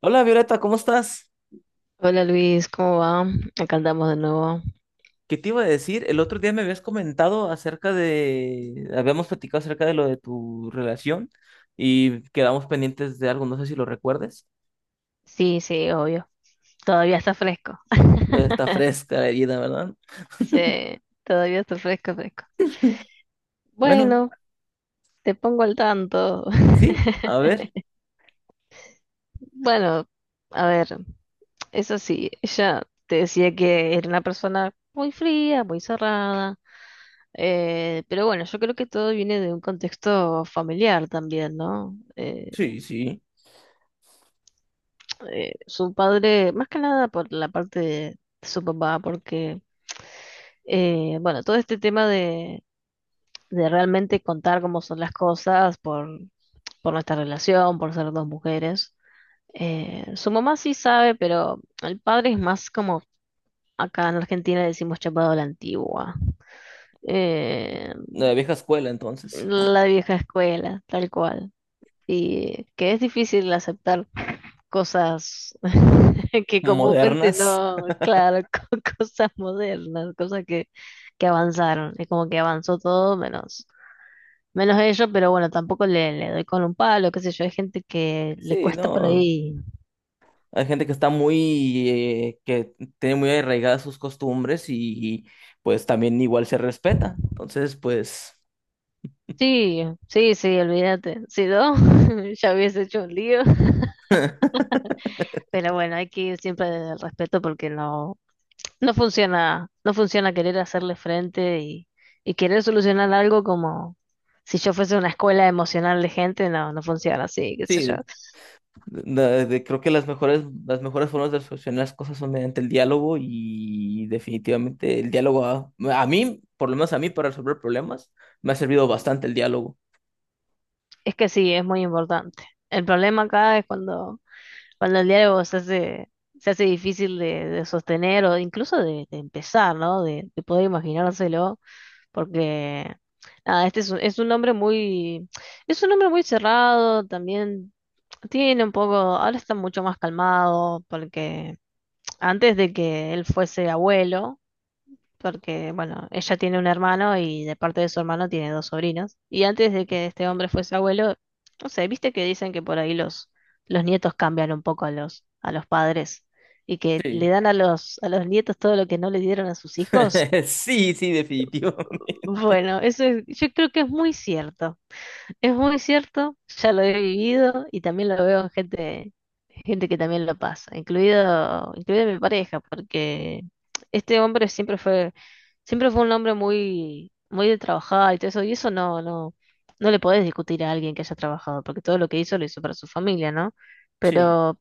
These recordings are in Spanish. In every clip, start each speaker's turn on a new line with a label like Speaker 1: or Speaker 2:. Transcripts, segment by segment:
Speaker 1: Hola Violeta, ¿cómo estás?
Speaker 2: Hola Luis, ¿cómo va? Acá andamos de nuevo.
Speaker 1: ¿Qué te iba a decir? El otro día me habías comentado habíamos platicado acerca de lo de tu relación y quedamos pendientes de algo, no sé si lo recuerdes.
Speaker 2: Sí, sí, obvio. Todavía está fresco.
Speaker 1: Todavía está fresca la herida, ¿verdad?
Speaker 2: Sí, todavía está fresco, fresco.
Speaker 1: Bueno,
Speaker 2: Bueno, te pongo al tanto.
Speaker 1: sí, a ver,
Speaker 2: Bueno, a ver, eso sí, ella te decía que era una persona muy fría, muy cerrada. Pero bueno, yo creo que todo viene de un contexto familiar también, ¿no?
Speaker 1: sí, sí,
Speaker 2: Su padre, más que nada por la parte de su papá, porque bueno, todo este tema de realmente contar cómo son las cosas por nuestra relación, por ser dos mujeres. Su mamá sí sabe, pero el padre es más como acá en Argentina decimos chapado a la antigua. Eh,
Speaker 1: de la vieja escuela entonces.
Speaker 2: la vieja escuela, tal cual. Y que es difícil aceptar cosas que comúnmente
Speaker 1: Modernas,
Speaker 2: no, claro, cosas modernas, que avanzaron. Es como que avanzó todo menos, menos ello, pero bueno, tampoco le doy con un palo, qué sé yo, hay gente que le
Speaker 1: sí,
Speaker 2: cuesta por
Speaker 1: no.
Speaker 2: ahí.
Speaker 1: Hay gente que está muy, que tiene muy arraigadas sus costumbres y pues también igual se respeta. Entonces, pues...
Speaker 2: Sí, sí, sí, olvídate. Si no, ya hubiese hecho un lío. Pero bueno, hay que ir siempre desde el respeto porque no, No funciona, no funciona querer hacerle frente y querer solucionar algo como si yo fuese una escuela emocional de gente, no, no funciona así, qué sé
Speaker 1: Sí,
Speaker 2: yo.
Speaker 1: creo que las mejores formas de solucionar las cosas son mediante el diálogo y definitivamente por lo menos a mí, para resolver problemas, me ha servido bastante el diálogo.
Speaker 2: Es que sí, es muy importante. El problema acá es cuando el diálogo se hace difícil de sostener o incluso de empezar, ¿no? De poder imaginárselo, porque nada, es un hombre muy, es un hombre muy cerrado, también tiene un poco, ahora está mucho más calmado porque antes de que él fuese abuelo, porque, bueno, ella tiene un hermano y de parte de su hermano tiene dos sobrinos. Y antes de que este hombre fuese abuelo, no sé, viste que dicen que por ahí los nietos cambian un poco a a los padres y que le
Speaker 1: Sí,
Speaker 2: dan a a los nietos todo lo que no le dieron a sus hijos.
Speaker 1: sí, sí, definitivo.
Speaker 2: Bueno, yo creo que es muy cierto. Es muy cierto, ya lo he vivido y también lo veo en gente, gente que también lo pasa, incluido mi pareja, porque este hombre siempre fue un hombre muy, muy de trabajar y todo eso, y eso no, no, no le podés discutir a alguien que haya trabajado, porque todo lo que hizo lo hizo para su familia, ¿no?
Speaker 1: Sí,
Speaker 2: Pero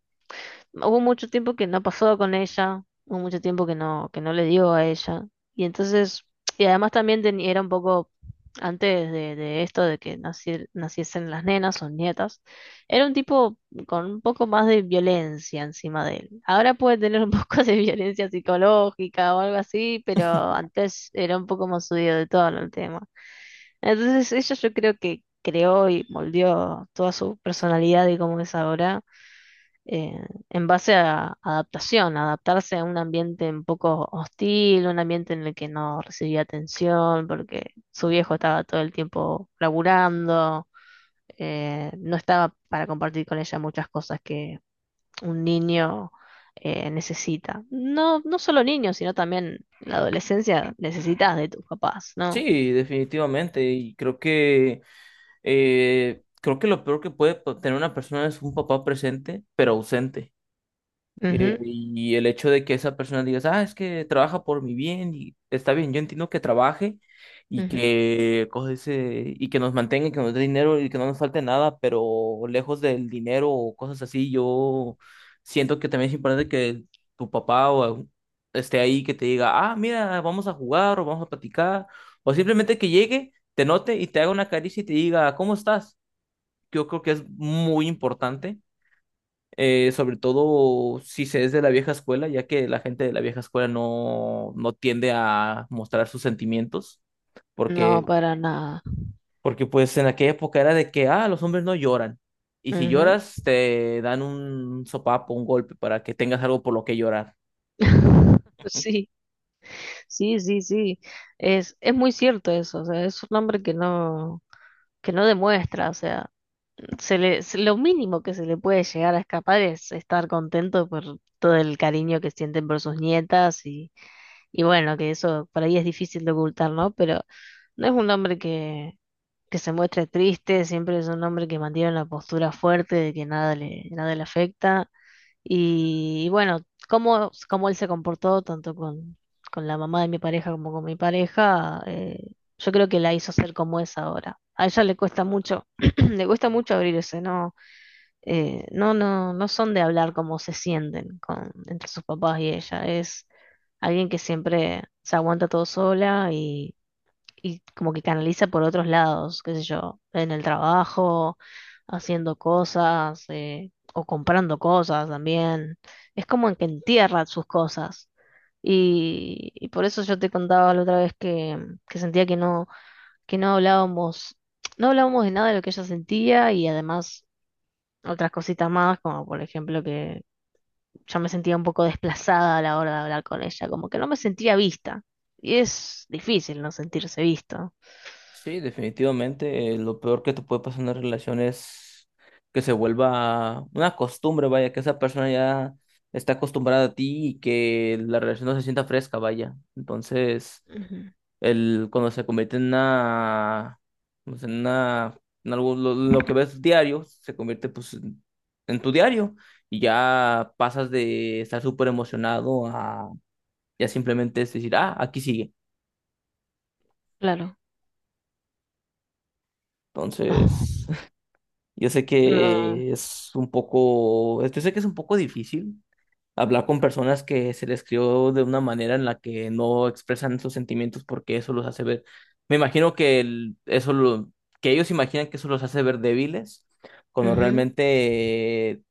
Speaker 2: hubo mucho tiempo que no pasó con ella, hubo mucho tiempo que no le dio a ella. Y entonces, y además también era un poco, antes de esto de que naciesen las nenas o nietas, era un tipo con un poco más de violencia encima de él. Ahora puede tener un poco de violencia psicológica o algo así, pero antes era un poco más subido de tono el tema. Entonces, ella yo creo que creó y moldeó toda su personalidad y cómo es ahora en base a adaptación, adaptarse a un ambiente un poco hostil, un ambiente en el que no recibía atención, porque su viejo estaba todo el tiempo laburando, no estaba para compartir con ella muchas cosas que un niño necesita. No, no solo niños, sino también en la adolescencia necesitas de tus papás, ¿no?
Speaker 1: sí, definitivamente. Creo que lo peor que tener una persona es un papá presente, pero ausente. Eh,
Speaker 2: Ujú,
Speaker 1: y el hecho de que esa persona digas, ah, es que trabaja por mi bien y está bien, yo entiendo que trabaje
Speaker 2: ujú.
Speaker 1: y que nos mantenga, y que nos dé dinero y que no nos falte nada, pero lejos del dinero o cosas así, yo siento que también es importante que tu papá o algún- esté ahí, que te diga, ah, mira, vamos a jugar o vamos a platicar, o simplemente que llegue, te note y te haga una caricia y te diga, ¿cómo estás? Yo creo que es muy importante, sobre todo si se es de la vieja escuela, ya que la gente de la vieja escuela no tiende a mostrar sus sentimientos,
Speaker 2: No,
Speaker 1: porque,
Speaker 2: para nada.
Speaker 1: porque pues en aquella época era de que, ah, los hombres no lloran, y si
Speaker 2: Ujú.
Speaker 1: lloras te dan un sopapo, un golpe para que tengas algo por lo que llorar.
Speaker 2: Sí. Sí, sí, sí. Es muy cierto eso. O sea, es un hombre que no demuestra. O sea, lo mínimo que se le puede llegar a escapar es estar contento por todo el cariño que sienten por sus nietas y bueno, que eso por ahí es difícil de ocultar, ¿no? Pero no es un hombre que se muestre triste, siempre es un hombre que mantiene una postura fuerte de que nada le, nada le afecta. Y bueno, cómo él se comportó tanto con la mamá de mi pareja como con mi pareja, yo creo que la hizo ser como es ahora. A ella le cuesta mucho, le cuesta mucho abrirse, no, no son de hablar cómo se sienten con, entre sus papás y ella. Es alguien que siempre se aguanta todo sola y como que canaliza por otros lados, qué sé yo, en el trabajo, haciendo cosas, o comprando cosas también. Es como en que entierra sus cosas. Y por eso yo te contaba la otra vez que sentía que no hablábamos, no hablábamos de nada de lo que ella sentía y además otras cositas más, como por ejemplo que yo me sentía un poco desplazada a la hora de hablar con ella, como que no me sentía vista. Y es difícil no sentirse visto.
Speaker 1: Sí, definitivamente, lo peor que te puede pasar en una relación es que se vuelva una costumbre, vaya, que esa persona ya está acostumbrada a ti y que la relación no se sienta fresca, vaya. Entonces...
Speaker 2: Ujú.
Speaker 1: cuando se convierte en una, pues, en una, en algo, lo que ves diario, se convierte pues en tu diario y ya pasas de estar súper emocionado a ya simplemente es decir, ah, aquí sigue.
Speaker 2: Claro. Oh.
Speaker 1: Entonces,
Speaker 2: No.
Speaker 1: yo sé que es un poco difícil hablar con personas que se les crió de una manera en la que no expresan sus sentimientos porque eso los hace ver, me imagino que el- eso lo, que ellos imaginan que eso los hace ver débiles, cuando
Speaker 2: Ujú.
Speaker 1: realmente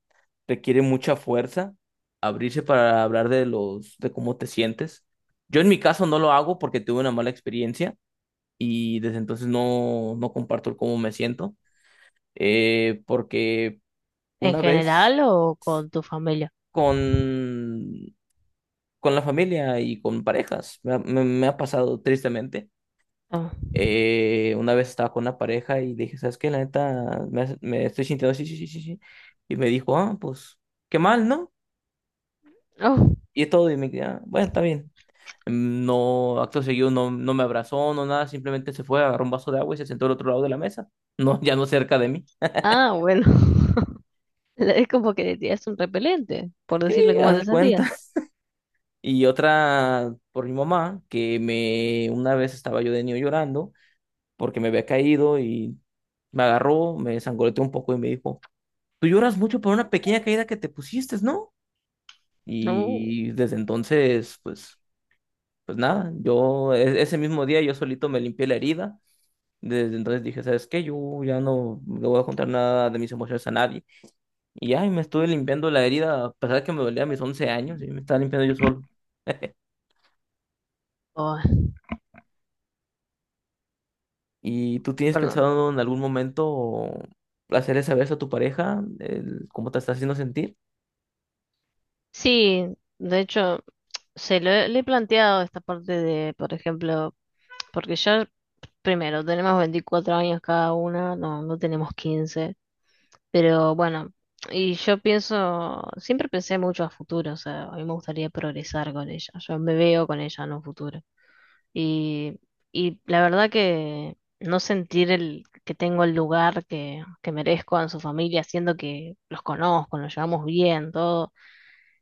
Speaker 1: requiere mucha fuerza abrirse para hablar de de cómo te sientes. Yo en mi caso no lo hago porque tuve una mala experiencia y desde entonces no comparto el cómo me siento, porque
Speaker 2: ¿En
Speaker 1: una vez
Speaker 2: general o con tu familia?
Speaker 1: con con la familia y con parejas. Me ha pasado tristemente.
Speaker 2: Ah.
Speaker 1: Una vez estaba con una pareja y dije, ¿sabes qué? La neta, me estoy sintiendo así, sí, sí, sí, sí. Y me dijo, ah, pues, qué mal, ¿no?
Speaker 2: Oh,
Speaker 1: Y todo, y me dije, "Ah, bueno, está bien. No, acto seguido, no me abrazó, no nada, simplemente se fue, agarró un vaso de agua y se sentó al otro lado de la mesa. No, ya no cerca de mí.
Speaker 2: ah, bueno. Es como que te tiras un repelente, por decirle
Speaker 1: Y
Speaker 2: cómo
Speaker 1: haz
Speaker 2: te
Speaker 1: de
Speaker 2: sentías.
Speaker 1: cuenta. Y otra por mi mamá, una vez estaba yo de niño llorando porque me había caído y me agarró, me zangoloteó un poco y me dijo, tú lloras mucho por una pequeña caída que te pusiste, ¿no?
Speaker 2: No.
Speaker 1: Y desde entonces, pues, pues nada, ese mismo día yo solito me limpié la herida. Desde entonces dije, ¿sabes qué? Yo ya no le voy a contar nada de mis emociones a nadie. Y ya, y me estuve limpiando la herida, a pesar de que me dolía a mis 11 años, y me estaba limpiando yo solo.
Speaker 2: Oh,
Speaker 1: ¿Y tú tienes
Speaker 2: perdón.
Speaker 1: pensado en algún momento hacerle saber eso a tu pareja, cómo te está haciendo sentir?
Speaker 2: Sí, de hecho, le he planteado esta parte de, por ejemplo, porque ya, primero, tenemos 24 años cada una, no, no tenemos 15. Pero bueno, y yo pienso, siempre pensé mucho a futuro, o sea, a mí me gustaría progresar con ella, yo me veo con ella en un futuro. Y, y la verdad que no sentir el, que tengo el lugar que merezco en su familia, siendo que los conozco, nos llevamos bien, todo,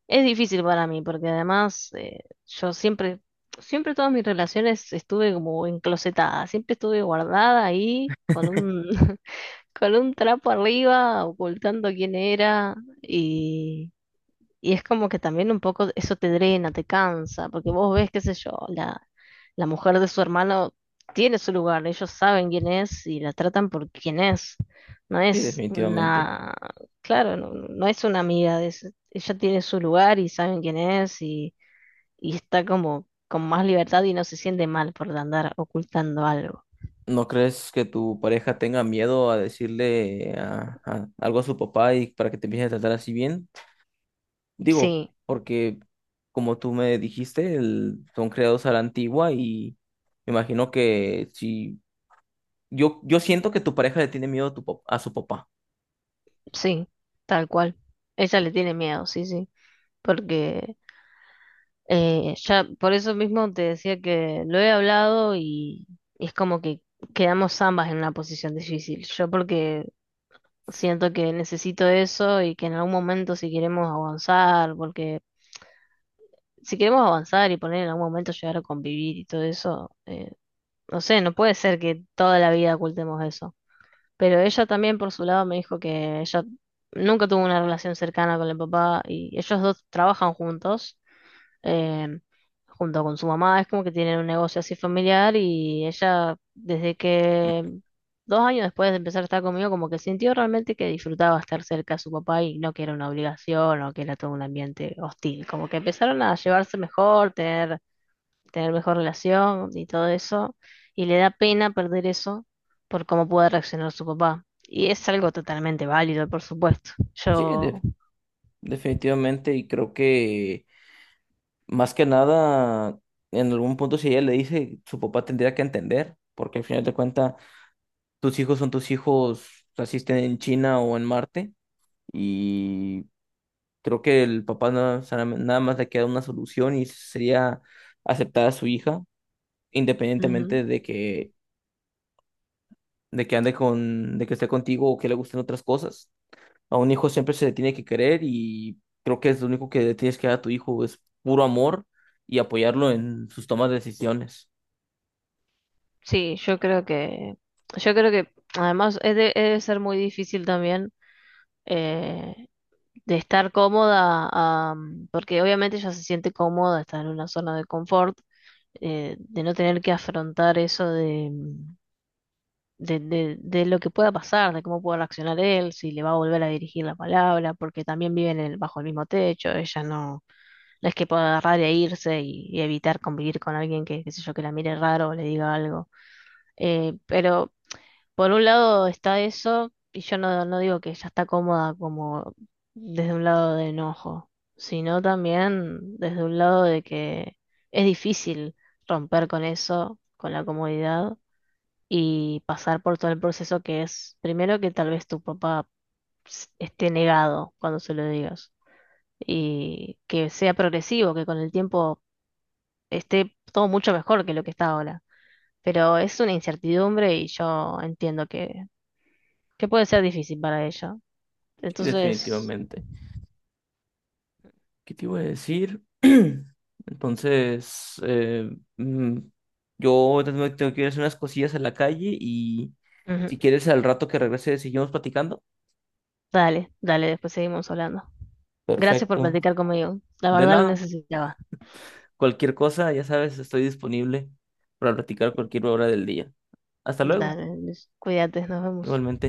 Speaker 2: es difícil para mí, porque además yo siempre, siempre todas mis relaciones estuve como enclosetada, siempre estuve guardada ahí con un... con un trapo arriba, ocultando quién era, y, y es como que también un poco eso te drena, te cansa, porque vos ves, qué sé yo, la mujer de su hermano tiene su lugar, ellos saben quién es y la tratan por quién es. No
Speaker 1: Sí,
Speaker 2: es
Speaker 1: definitivamente.
Speaker 2: una, claro, no, no es una amiga, ella tiene su lugar y saben quién es y está como con más libertad y no se siente mal por andar ocultando algo.
Speaker 1: ¿No crees que tu pareja tenga miedo a decirle algo a su papá y para que te empiece a tratar así bien? Digo,
Speaker 2: Sí.
Speaker 1: porque como tú me dijiste, son creados a la antigua y me imagino que si yo, yo siento que tu pareja le tiene miedo a su papá.
Speaker 2: Sí, tal cual. Ella le tiene miedo, sí, sí. Porque ya por eso mismo te decía que lo he hablado y es como que quedamos ambas en una posición difícil. Yo porque siento que necesito eso y que en algún momento si queremos avanzar, porque si queremos avanzar y poner en algún momento llegar a convivir y todo eso, no sé, no puede ser que toda la vida ocultemos eso. Pero ella también por su lado me dijo que ella nunca tuvo una relación cercana con el papá y ellos dos trabajan juntos, eh, junto con su mamá, es como que tienen un negocio así familiar y ella desde que 2 años después de empezar a estar conmigo como que sintió realmente que disfrutaba estar cerca de su papá y no que era una obligación o que era todo un ambiente hostil, como que empezaron a llevarse mejor, tener mejor relación y todo eso, y le da pena perder eso por cómo puede reaccionar su papá. Y es algo totalmente válido, por supuesto.
Speaker 1: Sí,
Speaker 2: Yo,
Speaker 1: definitivamente y creo que más que nada, en algún punto si ella le dice, su papá tendría que entender, porque al final de cuentas tus hijos son tus hijos, así estén en China o en Marte. Y creo que el papá o sea, nada más le queda una solución y sería aceptar a su hija,
Speaker 2: ujú.
Speaker 1: independientemente de que, de que esté contigo o que le gusten otras cosas. A un hijo siempre se le tiene que querer y creo que es lo único que le tienes que dar a tu hijo, es puro amor y apoyarlo en sus tomas de decisiones.
Speaker 2: Sí, yo creo que además debe ser muy difícil también. eh, de estar cómoda, porque obviamente ella se siente cómoda, está en una zona de confort, de no tener que afrontar eso de, mm, de lo que pueda pasar, de cómo pueda reaccionar él, si le va a volver a dirigir la palabra, porque también bajo el mismo techo, ella no, no es que pueda agarrar e irse y evitar convivir con alguien que, qué sé yo, que la mire raro o le diga algo. Pero por un lado está eso, y yo no, no digo que ella está cómoda como desde un lado de enojo, sino también desde un lado de que es difícil romper con eso, con la comodidad, y pasar por todo el proceso que es, primero que tal vez tu papá esté negado cuando se lo digas, y que sea progresivo, que con el tiempo esté todo mucho mejor que lo que está ahora. Pero es una incertidumbre y yo entiendo que puede ser difícil para ella.
Speaker 1: Sí,
Speaker 2: Entonces,
Speaker 1: definitivamente. ¿Qué te iba a decir? Entonces, mm, yo tengo que ir a hacer unas cosillas a la calle y
Speaker 2: ujú.
Speaker 1: si quieres al rato que regrese seguimos platicando.
Speaker 2: Dale, dale, después seguimos hablando. Gracias por
Speaker 1: Perfecto.
Speaker 2: platicar conmigo. La
Speaker 1: De
Speaker 2: verdad lo
Speaker 1: nada.
Speaker 2: necesitaba.
Speaker 1: Cualquier cosa, ya sabes, estoy disponible para platicar cualquier hora del día. Hasta luego.
Speaker 2: Dale, cuídate, nos vemos.
Speaker 1: Igualmente.